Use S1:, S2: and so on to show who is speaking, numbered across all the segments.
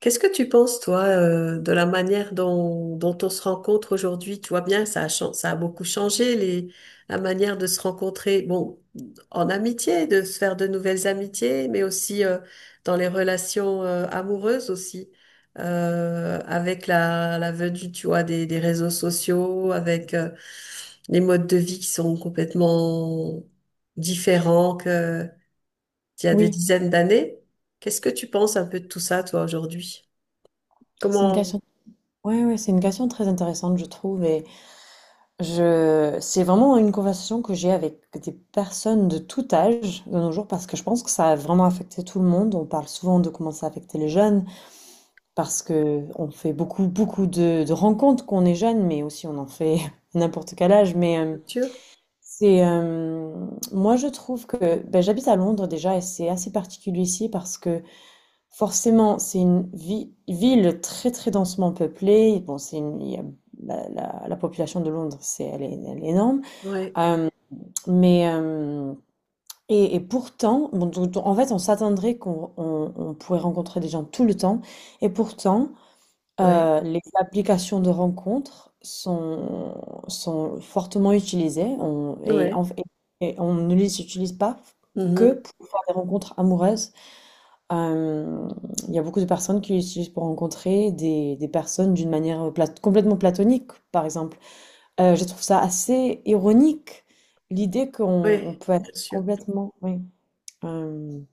S1: Qu'est-ce que tu penses, toi, de la manière dont on se rencontre aujourd'hui? Tu vois bien, ça a beaucoup changé, la manière de se rencontrer, bon, en amitié, de se faire de nouvelles amitiés, mais aussi dans les relations amoureuses aussi, avec la venue, tu vois, des réseaux sociaux, avec les modes de vie qui sont complètement différents qu'il y a des
S2: Oui,
S1: dizaines d'années. Qu'est-ce que tu penses un peu de tout ça, toi, aujourd'hui?
S2: c'est une
S1: Comment...
S2: question. Ouais, c'est une question très intéressante, je trouve. Et c'est vraiment une conversation que j'ai avec des personnes de tout âge de nos jours, parce que je pense que ça a vraiment affecté tout le monde. On parle souvent de comment ça a affecté les jeunes, parce que on fait beaucoup de rencontres qu'on est jeune, mais aussi on en fait à n'importe quel âge. Mais
S1: Culture?
S2: c'est, euh, moi, je trouve que, ben, j'habite à Londres déjà, et c'est assez particulier ici parce que forcément, c'est une ville très très densément peuplée. Bon, c'est une- il y a- la population de Londres, elle est énorme.
S1: Ouais,
S2: Euh, mais euh, et pourtant, bon, en fait, on s'attendrait qu'on on pourrait rencontrer des gens tout le temps. Et pourtant,
S1: ouais,
S2: les applications de rencontres sont fortement utilisées. On, et,
S1: ouais,
S2: en- et- Et on ne les utilise pas
S1: mhm,
S2: que pour faire des rencontres amoureuses. Hem, il y a beaucoup de personnes qui l'utilisent pour rencontrer des personnes d'une manière, plat complètement platonique, par exemple. Je trouve ça assez ironique, l'idée qu'on on
S1: ouais,
S2: peut être
S1: bien sûr.
S2: complètement oui, hem,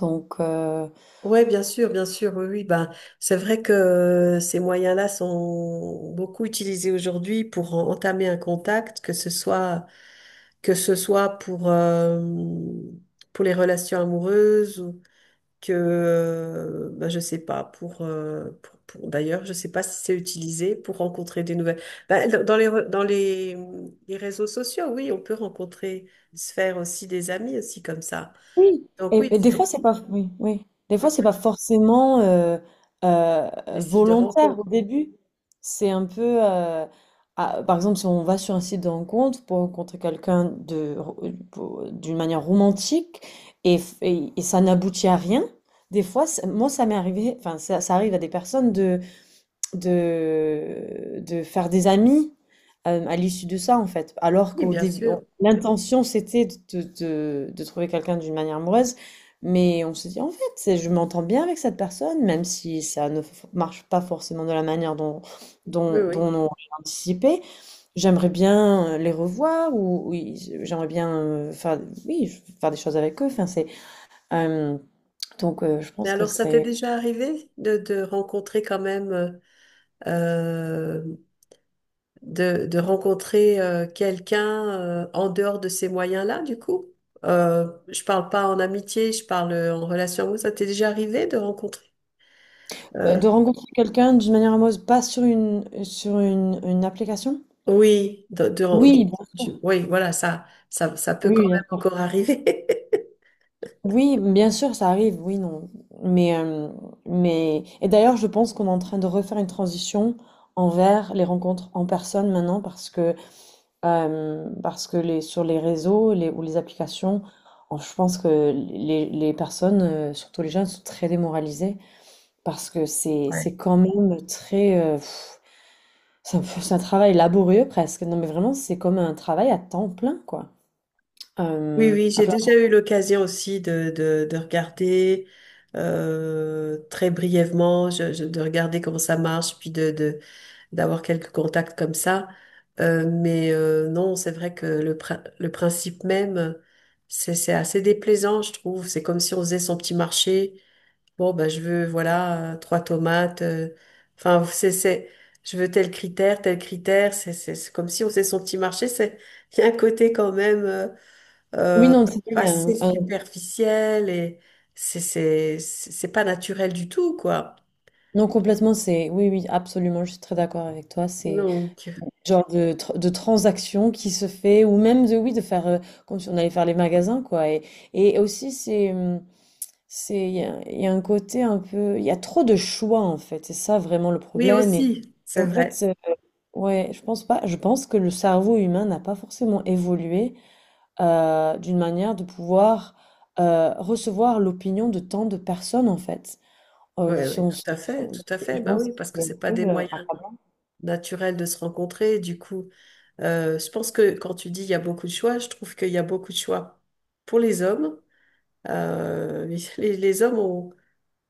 S2: donc
S1: Ouais, bien sûr, oui, oui. Ben, c'est vrai que ces moyens-là sont beaucoup utilisés aujourd'hui pour entamer un contact, que ce soit pour les relations amoureuses que bah, je sais pas pour, d'ailleurs je sais pas si c'est utilisé pour rencontrer des nouvelles. Bah, dans dans les réseaux sociaux, oui on peut rencontrer, se faire aussi des amis aussi comme ça.
S2: oui,
S1: Donc oui,
S2: et des
S1: c'est,
S2: fois c'est pas oui, oui. Des
S1: ouais,
S2: fois c'est pas forcément euh,
S1: des sites de
S2: volontaire
S1: rencontre,
S2: au début. C'est un peu par exemple si on va sur un site de rencontre pour rencontrer quelqu'un d'une manière romantique et ça n'aboutit à rien. Des fois moi ça m'est arrivé, enfin ça arrive à des personnes de, faire des amis à l'issue de ça, en fait. Alors
S1: oui
S2: qu'au
S1: bien
S2: début,
S1: sûr,
S2: l'intention, c'était de trouver quelqu'un d'une manière amoureuse, mais on se dit, en fait, je m'entends bien avec cette personne, même si ça ne marche pas forcément de la manière
S1: oui,
S2: dont
S1: oui.
S2: on aurait anticipé. J'aimerais bien les revoir, ou j'aimerais bien faire, oui, faire des choses avec eux. Enfin, euh, je
S1: Mais
S2: pense que
S1: alors, ça t'est
S2: c'est...
S1: déjà arrivé de rencontrer quand même euh, de rencontrer quelqu'un en dehors de ces moyens-là, du coup? Je parle pas en amitié, je parle en relation amoureuse. Ça t'est déjà arrivé de rencontrer? euh,
S2: De rencontrer quelqu'un d'une manière amoureuse, pas sur une application?
S1: oui,
S2: Oui, bien sûr.
S1: oui, voilà, ça peut
S2: Oui,
S1: quand
S2: bien
S1: même
S2: sûr.
S1: encore arriver.
S2: Oui, bien sûr, ça arrive, oui, non. Mais, euh, mais... Et d'ailleurs, je pense qu'on est en train de refaire une transition envers les rencontres en personne maintenant parce que sur les réseaux ou les applications, oh, je pense que les personnes, surtout les jeunes, sont très démoralisées parce que
S1: Ouais.
S2: c'est quand même très... c'est un peu- c'est un travail laborieux presque. Non, mais vraiment, c'est comme un travail à temps plein, quoi.
S1: Oui,
S2: Euh,
S1: oui,
S2: à
S1: j'ai
S2: plein-
S1: déjà eu l'occasion aussi de regarder très brièvement, de regarder comment ça marche, puis d'avoir quelques contacts comme ça. Mais non, c'est vrai que le principe même, c'est assez déplaisant, je trouve. C'est comme si on faisait son petit marché. Bon, ben, je veux, voilà, trois tomates. Enfin, je veux tel critère, tel critère. C'est comme si on faisait son petit marché. C'est, il y a un côté quand même
S2: Oui,
S1: euh,
S2: non, c'est vrai, il y a
S1: assez
S2: un-
S1: superficiel, et c'est pas naturel du tout, quoi.
S2: non, complètement, c'est... Oui, oui, absolument, je suis très d'accord avec toi. C'est
S1: Donc,
S2: genre de, de transaction qui se fait, ou même de, oui, de faire... comme si on allait faire les magasins, quoi. Et aussi, c'est, il y a un côté un peu... Il y a trop de choix, en fait. C'est ça, vraiment, le
S1: oui
S2: problème.
S1: aussi,
S2: Et
S1: c'est
S2: en fait,
S1: vrai.
S2: ouais, je pense pas... Je pense que le cerveau humain n'a pas forcément évolué d'une manière de pouvoir recevoir l'opinion de tant de personnes en fait.
S1: Oui,
S2: Si
S1: oui,
S2: on-
S1: tout
S2: si
S1: à fait,
S2: on-
S1: tout à fait.
S2: Je
S1: Ben
S2: pense
S1: oui,
S2: que
S1: parce que
S2: c'est un
S1: c'est pas
S2: peu
S1: des moyens
S2: accablant.
S1: naturels de se rencontrer. Du coup, je pense que quand tu dis il y a beaucoup de choix, je trouve qu'il y a beaucoup de choix pour les hommes. Euh, les hommes ont,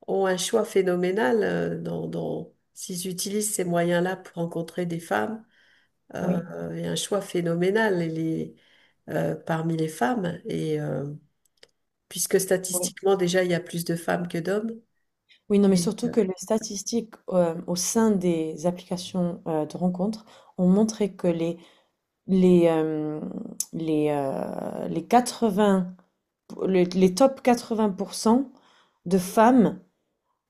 S1: ont un choix phénoménal s'ils utilisent ces moyens-là pour rencontrer des femmes. Euh,
S2: Oui,
S1: il y a un choix phénoménal et parmi les femmes. Et puisque
S2: oui.
S1: statistiquement, déjà, il y a plus de femmes que d'hommes.
S2: Oui, non, mais surtout que les statistiques au sein des applications de rencontres ont montré que les, les, euh, les, euh, les 80, les, les top 80% de femmes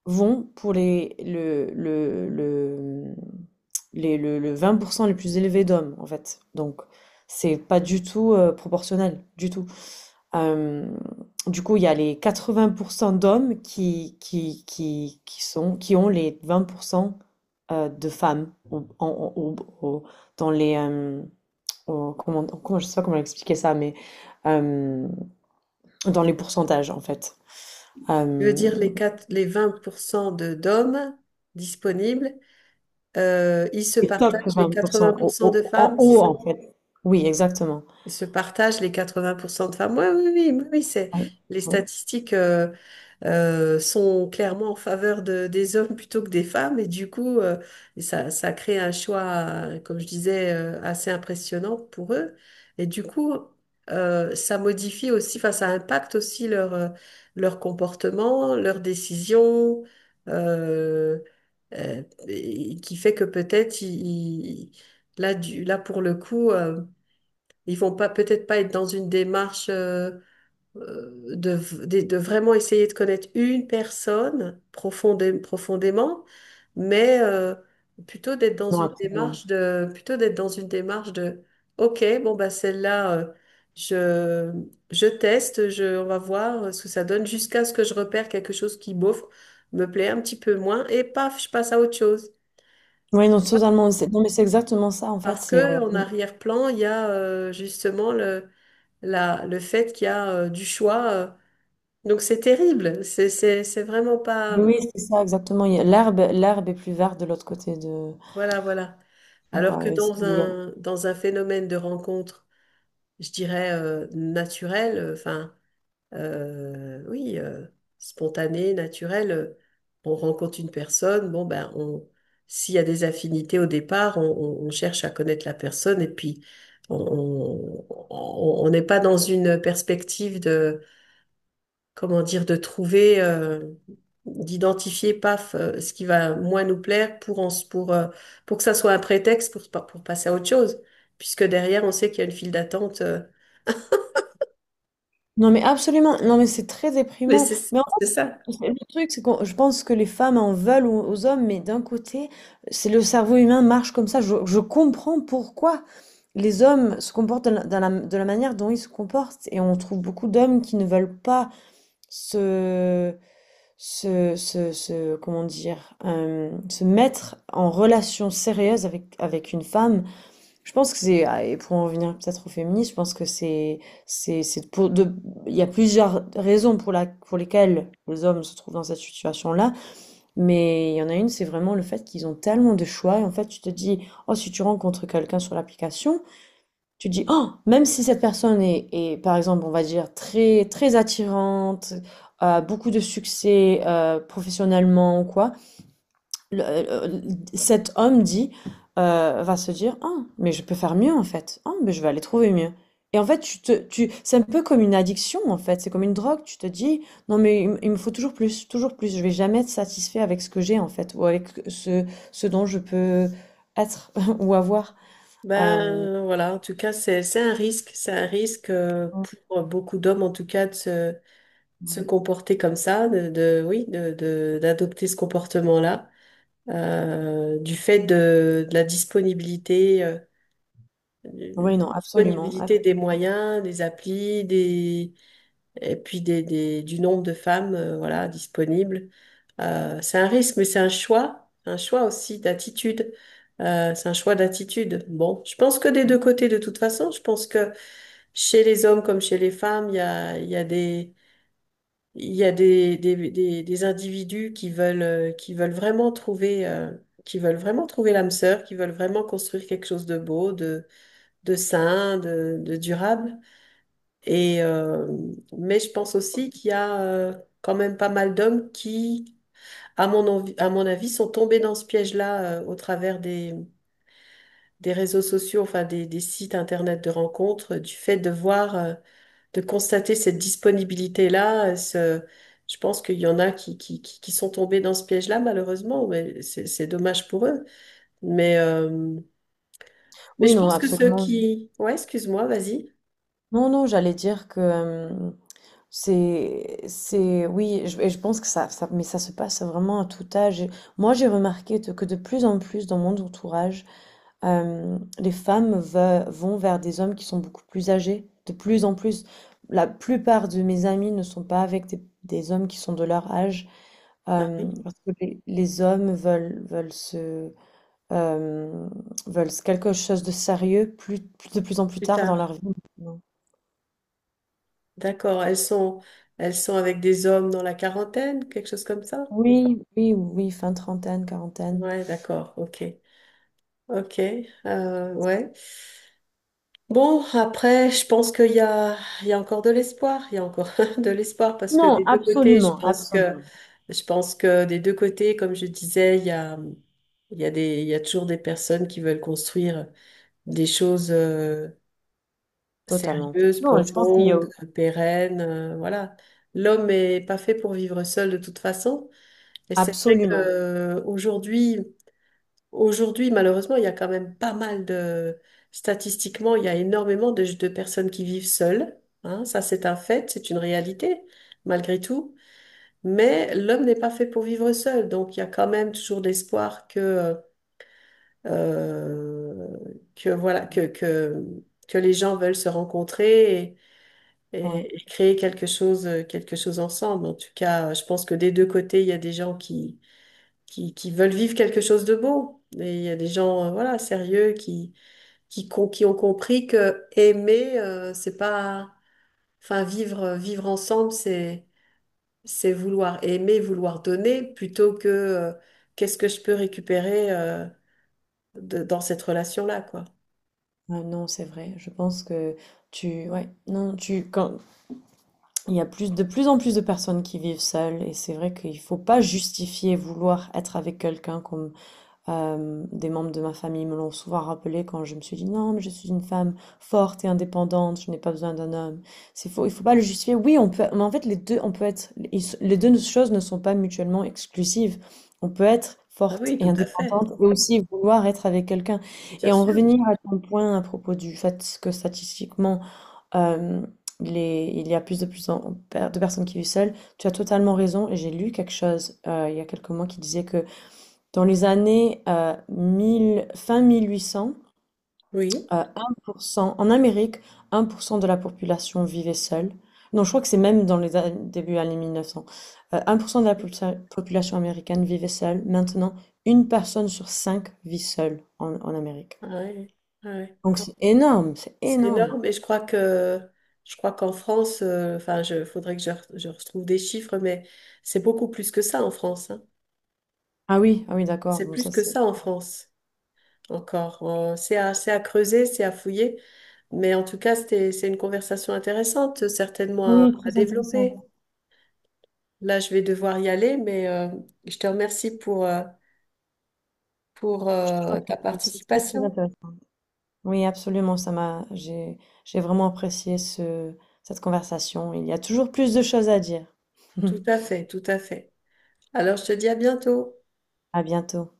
S2: vont pour les le, mmh, les le vingt pour cent les plus élevés d'hommes, en fait. Donc c'est pas du tout, proportionnel, du tout. Hem, du coup, il y a les quatre-vingts pour cent d'hommes qui ont les 20% de femmes au en au au dans les, hem, au comment je sais pas comment expliquer ça, mais, hem, dans les pourcentages, en fait.
S1: Je veux
S2: Hem
S1: dire, les 20% d'hommes disponibles, ils se
S2: Les top
S1: partagent les
S2: 20 au
S1: 80%
S2: au
S1: de
S2: en
S1: femmes,
S2: haut,
S1: c'est ça.
S2: en fait. Oui, exactement.
S1: Ils se partagent les 80% de femmes. Ouais, oui, oui, oui, oui, c'est
S2: Ouais.
S1: les
S2: Mmh.
S1: statistiques. Sont clairement en faveur des hommes plutôt que des femmes. Et du coup, et ça crée un choix, comme je disais, assez impressionnant pour eux. Et du coup, ça modifie aussi, enfin, ça impacte aussi leur comportement, leurs décisions, euh, euh, et qui fait que peut-être là, pour le coup, ils vont pas peut-être pas être dans une démarche. Euh, de, de vraiment essayer de connaître une personne profondément, mais plutôt d'être dans
S2: Non,
S1: une
S2: absolument.
S1: démarche de, OK, bon, bah, celle-là, je, je teste, on va voir ce que ça donne jusqu'à ce que je repère quelque chose qui, bof, me plaît un petit peu moins et paf, je passe à autre chose.
S2: Oui, non, totalement. Non, mais c'est exactement ça, en fait.
S1: Parce
S2: C'est
S1: que
S2: on...
S1: en arrière-plan, il y a justement le, le fait qu'il y a du choix. Donc c'est terrible, c'est vraiment pas...
S2: mais Oui, c'est ça, exactement. L'herbe, l'herbe est plus verte de l'autre côté de.
S1: Voilà, voilà.
S2: Donc,
S1: Alors que
S2: ouais, et c'est-
S1: dans
S2: il y a-
S1: un phénomène de rencontre, je dirais naturel, enfin, oui, spontané, naturel, on rencontre une personne, bon, ben, s'il y a des affinités au départ, on cherche à connaître la personne, et puis on on n'est pas dans une perspective, comment dire, de trouver, d'identifier, paf, ce qui va moins nous plaire pour, pour que ça soit un prétexte pour, pour passer à autre chose, puisque derrière, on sait qu'il y a une file d'attente.
S2: Non, mais absolument. Non, mais c'est très
S1: Mais
S2: déprimant.
S1: c'est c'est ça.
S2: Le truc, c'est que je pense que les femmes en veulent aux hommes, mais d'un côté, c'est le cerveau humain marche comme ça. Je comprends pourquoi les hommes se comportent de de la manière dont ils se comportent. Et on trouve beaucoup d'hommes qui ne veulent pas se, se- comment dire, se mettre en relation sérieuse avec, avec une femme. Je pense que et pour en venir peut-être au féminisme, je pense que c'est pour de, il y a plusieurs raisons pour lesquelles les hommes se trouvent dans cette situation-là, mais il y en a une, c'est vraiment le fait qu'ils ont tellement de choix, et en fait, tu te dis, oh, si tu rencontres quelqu'un sur l'application, tu te dis, oh, même si cette personne est par exemple, on va dire, très, très attirante, a beaucoup de succès, professionnellement ou quoi, le- euh, cet homme dit, va se dire, ah, mais je peux faire mieux en fait. Ah, mais je vais aller trouver mieux. Et en fait, c'est un peu comme une addiction en fait. C'est comme une drogue. Tu te dis, non mais il me faut toujours plus, toujours plus. Je vais jamais être satisfait avec ce que j'ai en fait, ce dont je peux être ou avoir. Euh,
S1: Ben voilà, en tout cas, c'est, c'est un risque pour beaucoup d'hommes, en tout cas, de se comporter comme ça, de, oui, de, d'adopter ce comportement-là, du fait de la disponibilité. De
S2: oui, non, absolument.
S1: disponibilité des moyens, des applis, des, et puis du nombre de femmes voilà, disponibles. C'est un risque, mais c'est un choix aussi d'attitude. C'est un choix d'attitude. Bon, je pense que des deux côtés, de toute façon, je pense que chez les hommes comme chez les femmes, il y a des, il y a des, individus qui veulent vraiment trouver l'âme sœur, qui veulent vraiment construire quelque chose de beau, de sain, de durable. Et, euh, mais je pense aussi qu'il y a quand même pas mal d'hommes qui, à mon avis, sont tombés dans ce piège-là au travers des réseaux sociaux, enfin des sites internet de rencontres, du fait de voir, de constater cette disponibilité-là. Je pense qu'il y en a qui sont tombés dans ce piège-là, malheureusement, mais c'est dommage pour eux. Mais, euh, mais
S2: Oui,
S1: je
S2: non,
S1: pense que ceux
S2: absolument.
S1: qui... Ouais, excuse-moi, vas-y.
S2: Non, non, j'allais dire que, c'est, oui, et je pense que mais ça se passe vraiment à tout âge. Et moi, j'ai remarqué que de plus en plus dans mon entourage, les femmes vont vers des hommes qui sont beaucoup plus âgés. De plus en plus, la plupart de mes amis ne sont pas avec des hommes qui sont de leur âge,
S1: Ah oui,
S2: parce que les hommes euh, veulent quelque chose de sérieux de plus en plus
S1: plus
S2: tard dans
S1: tard.
S2: leur vie.
S1: D'accord. Elles sont avec des hommes dans la quarantaine, quelque chose comme ça?
S2: Oui, oui, oui, fin trentaine, quarantaine.
S1: Ouais, d'accord. Ok. Ok. Ouais. Bon, après, je pense qu'il y a encore de l'espoir. Il y a encore de l'espoir parce que
S2: Non,
S1: des deux côtés, je
S2: absolument,
S1: pense que,
S2: absolument,
S1: je pense que des deux côtés, comme je disais, il y a des, il y a toujours des personnes qui veulent construire des choses.
S2: totalement.
S1: Sérieuse,
S2: Non, je pense qu'il y a
S1: profonde, pérenne, voilà. L'homme est pas fait pour vivre seul de toute façon. Et c'est vrai que
S2: absolument.
S1: aujourd'hui, malheureusement, il y a quand même pas mal statistiquement, il y a énormément de personnes qui vivent seules. Hein. Ça, c'est un fait, c'est une réalité, malgré tout. Mais l'homme n'est pas fait pour vivre seul. Donc, il y a quand même toujours l'espoir euh, que voilà, que les gens veulent se rencontrer
S2: Oui.
S1: et créer quelque chose ensemble. En tout cas, je pense que des deux côtés, il y a des gens qui veulent vivre quelque chose de beau. Et il y a des gens, voilà, sérieux qui ont compris que aimer, c'est pas, enfin, vivre ensemble, c'est vouloir aimer, vouloir donner, plutôt que, qu'est-ce que je peux récupérer, dans cette relation-là, quoi.
S2: Ah non, c'est vrai. Je pense que tu, ouais, non, tu, quand il y a plus de plus en plus de personnes qui vivent seules, et c'est vrai qu'il faut pas justifier vouloir être avec quelqu'un comme des membres de ma famille me l'ont souvent rappelé quand je me suis dit: «Non, mais je suis une femme forte et indépendante, je n'ai pas besoin d'un homme». C'est faux, il faut pas le justifier. Oui, on peut mais en fait les 2 on peut être les 2 choses ne sont pas mutuellement exclusives. On peut être
S1: Ah
S2: forte
S1: oui,
S2: et
S1: tout à fait,
S2: indépendante et aussi vouloir être avec quelqu'un.
S1: bien
S2: Et en
S1: sûr.
S2: revenir à ton point à propos du fait que statistiquement, hem, les il y a plus de plus en de personnes qui vivent seules, tu as totalement raison et j'ai lu quelque chose, il y a quelques mois qui disait que dans les années 1800,
S1: Oui.
S2: euh, 1%, en Amérique, 1% de la population vivait seule. Non, je crois que c'est même dans les début années 1900. 1% de la
S1: Oui.
S2: population américaine vivait seule. Maintenant, une personne sur cinq vit seule en, en Amérique.
S1: Ouais, ouais.
S2: Donc c'est énorme, c'est
S1: C'est
S2: énorme.
S1: énorme, et je crois qu'en France, enfin, je faudrait que je retrouve des chiffres, mais c'est beaucoup plus que ça en France. Hein.
S2: Ah oui, ah oui, d'accord.
S1: C'est
S2: Bon,
S1: plus
S2: ça
S1: que
S2: c'est.
S1: ça en France encore. C'est à, creuser, c'est à fouiller, mais en tout cas, c'était, c'est une conversation intéressante, certainement à,
S2: Oui,
S1: à
S2: très intéressant.
S1: développer. Là, je vais devoir y aller, mais je te remercie pour ta
S2: C'est très, très
S1: participation.
S2: intéressant. Oui, absolument, j'ai vraiment apprécié cette conversation. Il y a toujours plus de choses à dire.
S1: Tout à fait, tout à fait. Alors, je te dis à bientôt.
S2: À bientôt.